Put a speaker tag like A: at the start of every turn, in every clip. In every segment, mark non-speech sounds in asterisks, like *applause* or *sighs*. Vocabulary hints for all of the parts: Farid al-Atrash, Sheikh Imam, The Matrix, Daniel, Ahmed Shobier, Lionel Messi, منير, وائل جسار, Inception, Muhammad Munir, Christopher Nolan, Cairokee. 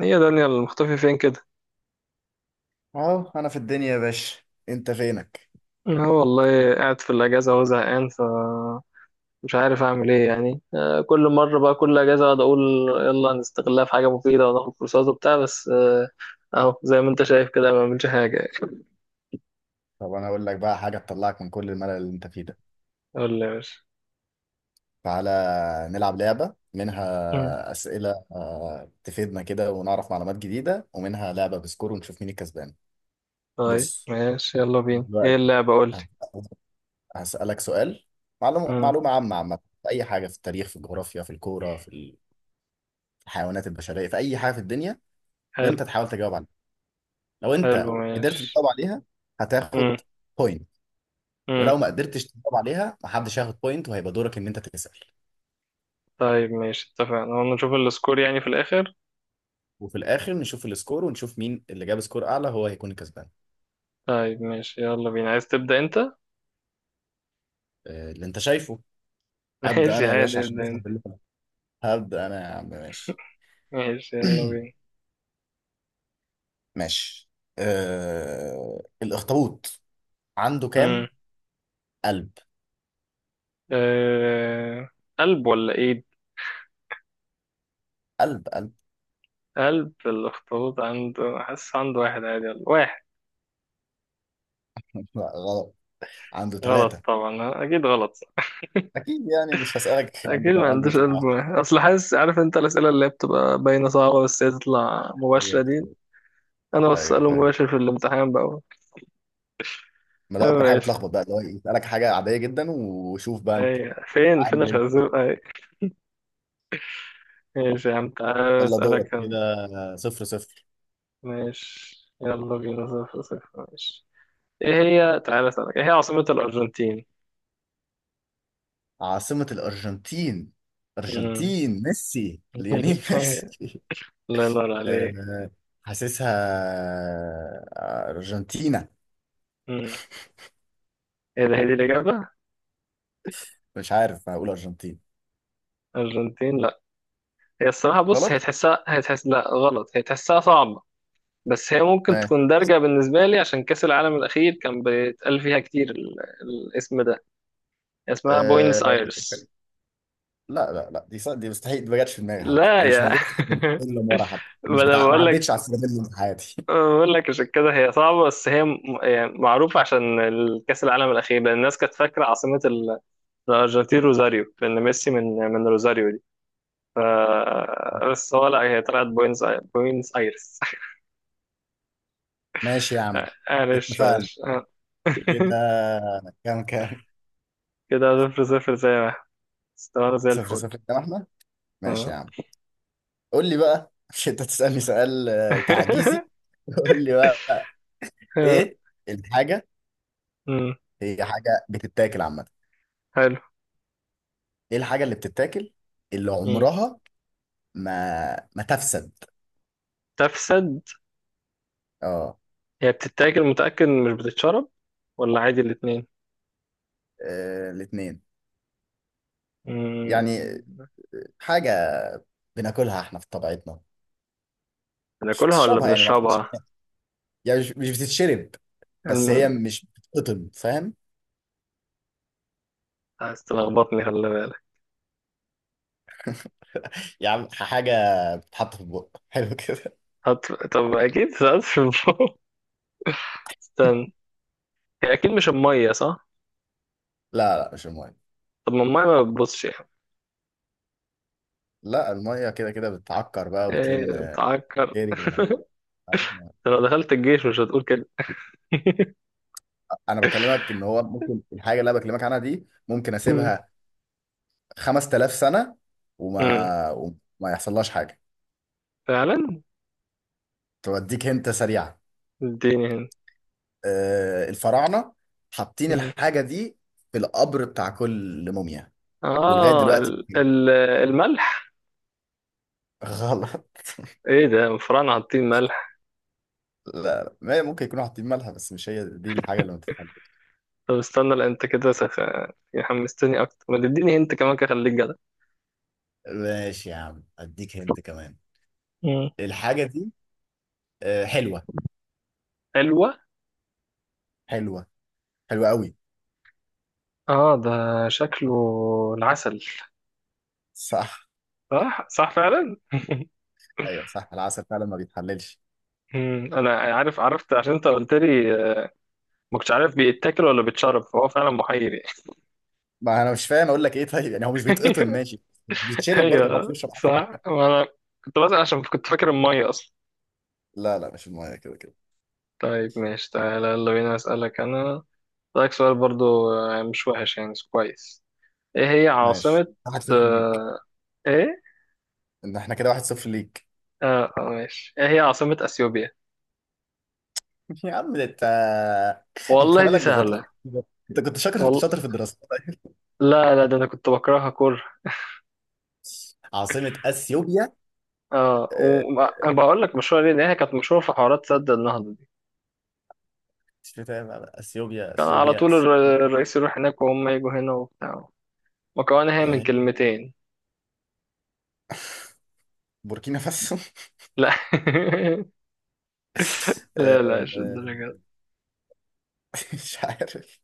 A: هي دانيال المختفي فين كده؟
B: اهو انا في الدنيا يا باشا. انت فينك؟
A: اه والله قاعد في الاجازه وهو زهقان فمش عارف اعمل ايه يعني، كل مره بقى، كل اجازه اقعد اقول يلا نستغلها في حاجه مفيده وناخد كورسات وبتاع بس. اهو زي ما انت شايف كده، ما بعملش حاجه يعني.
B: طب انا اقول لك بقى حاجه تطلعك من كل الملل اللي انت فيه ده.
A: قول لي يا باشا.
B: تعالى نلعب لعبه،
A: مم.
B: منها اسئله تفيدنا كده ونعرف معلومات جديده، ومنها لعبه بسكور ونشوف مين الكسبان.
A: طيب
B: بص
A: ماشي، يلا بينا، ايه
B: دلوقتي،
A: اللعبه؟ قول لي.
B: هسالك سؤال. معلومه
A: مم.
B: معلومه عامه في اي حاجه، في التاريخ، في الجغرافيا، في الكوره، في الحيوانات البشريه، في اي حاجه في الدنيا.
A: حلو.
B: وانت تحاول تجاوب عليها. لو
A: حلو
B: انت قدرت
A: ماشي.
B: تجاوب عليها
A: مم.
B: هتاخد بوينت،
A: مم.
B: ولو ما قدرتش تجاوب عليها محدش هياخد بوينت، وهيبقى دورك ان انت تسأل.
A: طيب ماشي اتفقنا، هو نشوف السكور يعني في الاخر.
B: وفي الاخر نشوف السكور ونشوف مين اللي جاب سكور اعلى، هو هيكون الكسبان.
A: طيب ماشي، يلا بينا، عايز تبدا انت؟ *laughs*
B: اللي انت شايفه. ابدا
A: ماشي
B: انا يا باشا
A: عادي،
B: عشان
A: ابدا
B: صاحب
A: انت.
B: اللي فات. هبدا انا يا عم، ماشي.
A: ماشي
B: *clears throat*
A: يلا
B: ماشي. الاخطبوط عنده
A: بينا.
B: كام قلب؟
A: أه... قلب ولا ايد؟
B: قلب، قلب.
A: قلب الاخطبوط عنده؟ حاسس عنده واحد عادي ولا واحد.
B: *laughs* لا، غلط. عنده
A: غلط
B: ثلاثة.
A: طبعا، اكيد غلط صح.
B: أكيد يعني مش هسألك *laughs* عنده
A: اكيد
B: كام
A: ما
B: قلب
A: عندوش
B: يطلع
A: قلب واحد، اصل حاسس، عارف انت الاسئله اللي هي بتبقى باينه صعبه، بس هي تطلع
B: أيوه.
A: مباشره دي. انا
B: أيوه،
A: بساله
B: فاهم.
A: مباشر في الامتحان بقى.
B: ما ده
A: أيوة
B: أكتر حاجة
A: ماشي.
B: بتلخبط بقى، اللي هو يسألك حاجة عادية جدا وشوف بقى أنت
A: اي فين
B: عامل إيه.
A: الخازوق اي؟ ماشي يا عم، تعالى
B: يلا دورك
A: اسالك أنا.
B: كده. صفر صفر.
A: ماشي يلا بينا، صفر صفر، ماشي. ايه هي؟ تعالى اسالك، ايه هي عاصمه الارجنتين؟
B: عاصمة الأرجنتين.
A: مم.
B: أرجنتين، ميسي، ليونيل
A: *laughs*
B: ميسي.
A: الله ينور
B: *laughs*
A: عليك.
B: آه، حاسسها أرجنتينا.
A: مم. ايه ده؟ هي دي الإجابة؟
B: مش عارف، هقول أرجنتين.
A: أرجنتين؟ لا. هي الصراحة بص، هي
B: غلط.
A: تحسها، هي تحس، لا غلط، هي تحسها صعبة، بس هي ممكن
B: ماشي
A: تكون دارجة بالنسبة لي عشان كأس العالم الأخير كان بيتقال فيها كتير الاسم ده، اسمها
B: أه.
A: بوينس آيرس.
B: لا لا لا، دي دي مستحيل. دي ما جاتش في دماغي حتى.
A: لا
B: دي مش
A: يا،
B: موجودة في السلم اللي ورا حتى،
A: *laughs* ما
B: مش
A: أنا
B: بتاع. ما
A: بقول لك،
B: عدتش على السلم اللي في حياتي.
A: بقول لك عشان كده هي صعبة، بس هي يعني معروفة عشان كأس العالم الأخير، لأن الناس كانت فاكرة عاصمة الأرجنتين روزاريو، لأن ميسي من روزاريو دي ف... بس هو لا، هي طلعت بوينس آيرس.
B: *laughs* ماشي يا عم.
A: معلش
B: اتفقنا
A: معلش.
B: كده.
A: *laughs*
B: كام كام؟
A: كده صفر صفر زي ما احنا استوانا زي
B: صفر
A: الفل.
B: صفر. كام احنا؟ ماشي
A: آه.
B: يا عم. قول لي بقى، *laughs* مش انت تسألني سؤال تعجيزي.
A: *laughs*
B: *laughs* قول لي بقى.
A: آه،
B: ايه الحاجة
A: مم،
B: هي؟ حاجة بتتاكل عامة.
A: حلو.
B: ايه الحاجة اللي بتتاكل اللي
A: مم.
B: عمرها ما تفسد؟
A: تفسد.
B: اه.
A: هي بتتاكل؟ متأكد إن مش بتتشرب ولا عادي الاتنين؟
B: الاتنين. يعني
A: مم،
B: حاجة بناكلها احنا في طبيعتنا. مش
A: بناكلها ولا
B: بتشربها يعني، ما تاخدش.
A: بنشربها؟
B: يعني مش بتتشرب، بس هي
A: الم-
B: مش بتتقطم، فاهم؟
A: عايز تلخبطني، خلي بالك.
B: *laughs* يعني حاجة بتتحط في البق. *laughs* حلو كده.
A: طب أكيد سألت في الموضوع. *laughs* استنى، هي أكيد مش المية، صح؟
B: لا لا، مش المية.
A: طب ما المية ما بتبصش يعني.
B: لا، المية كده كده بتعكر بقى وبتلم
A: إيه تعكر؟ *laughs*
B: جري.
A: أنت لو دخلت الجيش مش هتقول كده. *laughs*
B: انا بكلمك ان هو ممكن الحاجه اللي انا بكلمك عنها دي، ممكن اسيبها 5,000 سنه
A: مم.
B: وما يحصلهاش حاجه.
A: فعلا.
B: توديك هنت سريعه.
A: اديني هنا.
B: الفراعنه حاطين
A: مم.
B: الحاجه دي في القبر بتاع كل موميا، ولغايه
A: اه
B: دلوقتي.
A: ال
B: *laughs*
A: ال الملح.
B: غلط.
A: ايه ده مفران حاطين ملح؟
B: لا لا، ما ممكن يكونوا حاطين مالها، بس مش هي دي الحاجه اللي ما تتحبش.
A: طب استنى، لا انت كده يعني حمستني اكتر، ما تديني انت كمان كده، خليك جدع.
B: ماشي يا عم، اديك هنت كمان.
A: مم.
B: الحاجه دي حلوه،
A: حلوة.
B: حلوه، حلوه قوي.
A: اه ده شكله العسل.
B: صح.
A: صح صح فعلا.
B: ايوه صح، العسل فعلا ما بيتحللش.
A: مم. انا عارف، عرفت عشان انت قلت لي، ما كنتش عارف بيتاكل ولا بيتشرب، فهو فعلا محير يعني.
B: ما انا مش فاهم اقول لك ايه طيب، يعني هو مش بيتقطم،
A: *laughs*
B: ماشي. بيتشرب برضه، محدش
A: ايوه
B: بيشرب عسل.
A: صح، وانا كنت بسأل عشان كنت فاكر المية اصلا.
B: لا لا، مش المايه كده كده.
A: طيب ماشي، تعالى يلا بينا اسألك انا، رأيك سؤال برضو، مش وحش يعني، كويس. ايه هي
B: ماشي،
A: عاصمة،
B: واحد صفر ليك.
A: آه، ايه،
B: ان احنا كده واحد صفر ليك.
A: اه، ماشي، ايه هي عاصمة اثيوبيا؟
B: *laughs* يا عم ده انت. انت
A: والله دي
B: مالك غلط؟
A: سهلة.
B: انت كنت شاطر
A: والله
B: شاطر في الدراسه.
A: لا لا، ده انا كنت بكرهها كره.
B: *laughs* عاصمة اثيوبيا.
A: اه.
B: آه،
A: وبقول لك مشهورة ليه، لأن هي كانت مشهورة في حوارات سد النهضة دي،
B: مش فاهم أنا. اثيوبيا،
A: كان على
B: اثيوبيا.
A: طول الرئيس يروح هناك وهم يجوا هنا وبتاع. مكونة هي من
B: آه،
A: كلمتين.
B: بوركينا فاسو.
A: لا. *laughs*
B: *laughs*
A: لا لا مش
B: آه،
A: الدرجة دي.
B: *laughs* مش عارف.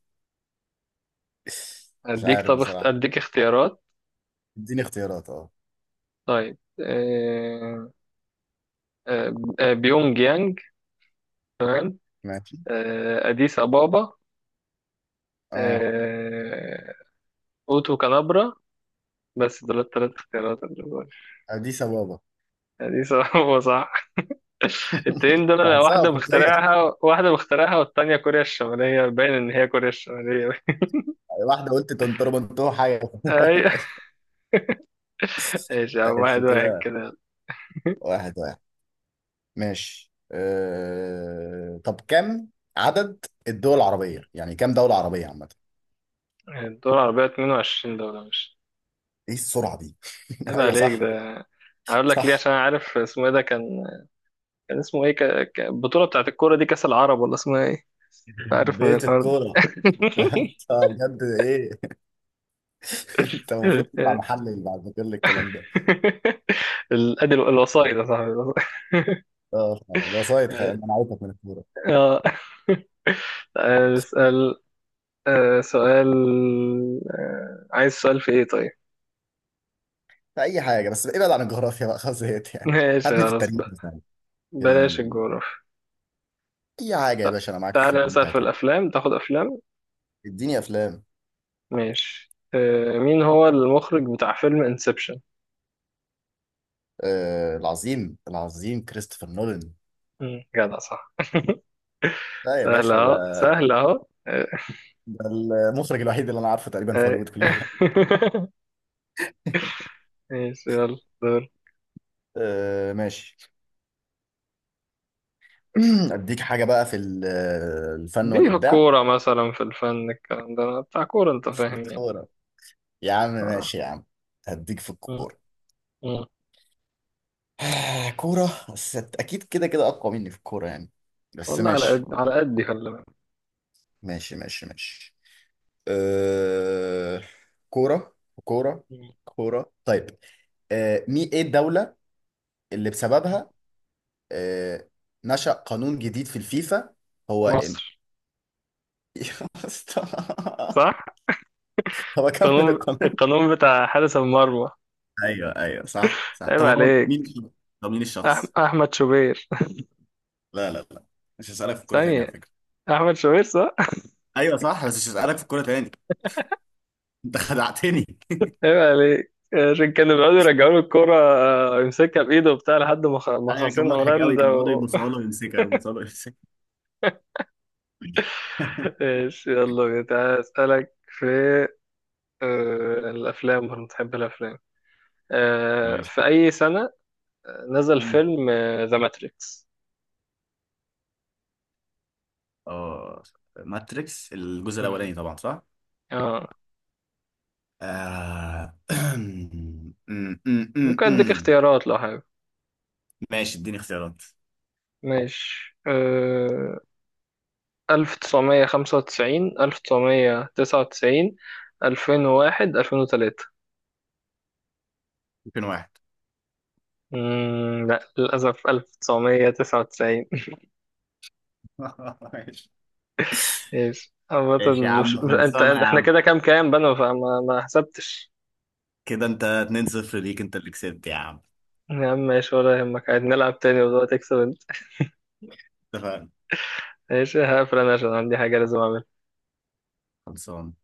B: مش
A: اديك،
B: عارف
A: طب
B: بصراحة.
A: اديك اختيارات.
B: اديني اختيارات، اه.
A: طيب، آه، بيونج يانج،
B: ماشي،
A: أديس أبابا،
B: اه،
A: آه، أوتو كالابرا، بس دول التلات اختيارات اللي دول.
B: اديس ابابا.
A: أديس أبابا صح. *laughs* التنين دول أنا
B: بحسها
A: واحدة
B: افريقية.
A: مخترعها، واحدة مخترعها، والتانية كوريا الشمالية، باين إن هي كوريا الشمالية. *laughs*
B: واحدة قلت تنطر منطور حاجة.
A: أيوة.
B: *laughs*
A: ماشي يا عم، واحد
B: ماشي
A: واحد
B: كده،
A: كده.
B: واحد واحد. ماشي. طب كم عدد الدول العربية؟ يعني كم دولة عربية عامة.
A: الدول العربية 22 دولة، مش؟
B: ايه السرعة دي؟ *laughs*
A: عيب
B: ايوه
A: عليك
B: صح.
A: ده. هقول لك ليه،
B: صح،
A: عشان أنا عارف اسمه ايه، ده كان، كان اسمه ايه البطولة بتاعت الكورة دي كأس العرب ولا اسمها ايه؟ عارف من
B: بيت
A: الحوار ده.
B: الكورة. *laughs* طب بجد ايه؟ *laughs* انت المفروض تطلع
A: *laughs*
B: محلل بعد كل الكلام ده.
A: *laughs* الأدل الوسائط يا صاحبي.
B: اه فعلا. الوسايط انا عارفك من الكورة.
A: آه. *laughs* اسأل. سؤال، عايز سؤال في إيه طيب؟
B: في اي حاجة، بس ابعد عن الجغرافيا بقى، خلاص زهقت
A: *laughs*
B: يعني.
A: ماشي
B: هاتني في
A: خلاص
B: التاريخ
A: بقى،
B: مثلا. في
A: بلاش
B: ال...
A: الجغرافيا.
B: اي حاجة يا
A: لا.
B: باشا، انا معاك في
A: تعالى
B: اللي انت
A: نسأل في
B: هتقوله.
A: الأفلام، تاخد أفلام؟
B: اديني افلام.
A: ماشي، مين هو المخرج بتاع فيلم انسبشن؟
B: العظيم، العظيم كريستوفر نولان.
A: جدع، صح. *laughs*
B: لا يا
A: سهل
B: باشا، ده
A: أهو، سهل أهو،
B: ده المخرج الوحيد اللي انا عارفه تقريبا في
A: آه.
B: هوليوود كلها.
A: *laughs* ماشي، يلا دور.
B: *laughs* ماشي. *clears throat* اديك حاجه بقى الفن
A: دي في
B: والابداع.
A: الكورة مثلا، في الفن الكلام ده بتاع كورة، أنت
B: في
A: فاهم يعني.
B: الكوره؟ يا عم
A: آه.
B: ماشي يا عم، هديك في
A: مم.
B: الكوره.
A: مم.
B: *sighs* كوره، بس اكيد كده كده اقوى مني في الكوره يعني، بس
A: والله على
B: ماشي.
A: قد على قد، خلي بالك.
B: ماشي ماشي ماشي آه، كوره كوره
A: مم.
B: كوره، طيب. مي ايه الدولة اللي
A: مم.
B: بسببها آه، نشأ قانون جديد في الفيفا؟ هو
A: مصر.
B: *laughs* يا اسطى،
A: صح.
B: طب اكمل
A: القانون
B: القانون.
A: القانون بتاع حارس المرمى.
B: ايوه، ايوه، صح، صح.
A: عيب
B: طب هو مين
A: عليك.
B: الشخص؟ طب مين الشخص؟
A: احمد شوبير.
B: لا لا لا، مش هسألك في الكورة تاني على
A: ثانية.
B: فكرة.
A: احمد شوبير صح.
B: ايوه صح، بس مش هسألك في الكورة تاني. انت خدعتني.
A: *laughs* عيب عليك. عشان كانوا بيقعدوا يرجعوا له الكورة، يمسكها بإيده وبتاع لحد ما
B: *laughs*
A: ما
B: ايوه كان
A: خاصين
B: مضحك قوي،
A: هولندا
B: كان بيقعدوا يبصوا له ويمسكها، يبصوا له ويمسكها. *laughs*
A: *laughs* ايش، يلا بينا. تعالى أسألك في الأفلام، وأنا بتحب الأفلام.
B: ماشي.
A: في أي سنة نزل
B: مم.
A: فيلم ذا ماتريكس؟
B: اه، ماتريكس الجزء الاولاني طبعا، صح؟ آه... *clears throat* أم، أم، أم، أم،
A: ممكن أديك
B: أم.
A: اختيارات لو حابب.
B: ماشي، اديني اختيارات.
A: ماشي. 1995، 1999، 2001، 2003.
B: ممكن واحد.
A: لا للأسف، 1999.
B: *laughs* ماشي.
A: *laughs* ماشي عامة.
B: ماشي يا
A: مش
B: عم،
A: مش- أنت
B: خلصانة
A: أنت-
B: يا
A: إحنا
B: عم.
A: كده، كام كام بنا، فما ما حسبتش.
B: كده انت 2-0 ليك، انت اللي كسبت يا عم.
A: يا عم ماشي، ولا يهمك عادي، نلعب تاني ودلوقتي تكسب أنت.
B: اتفقنا،
A: ماشي، هقفل أنا عشان عندي حاجة لازم أعملها.
B: خلصان.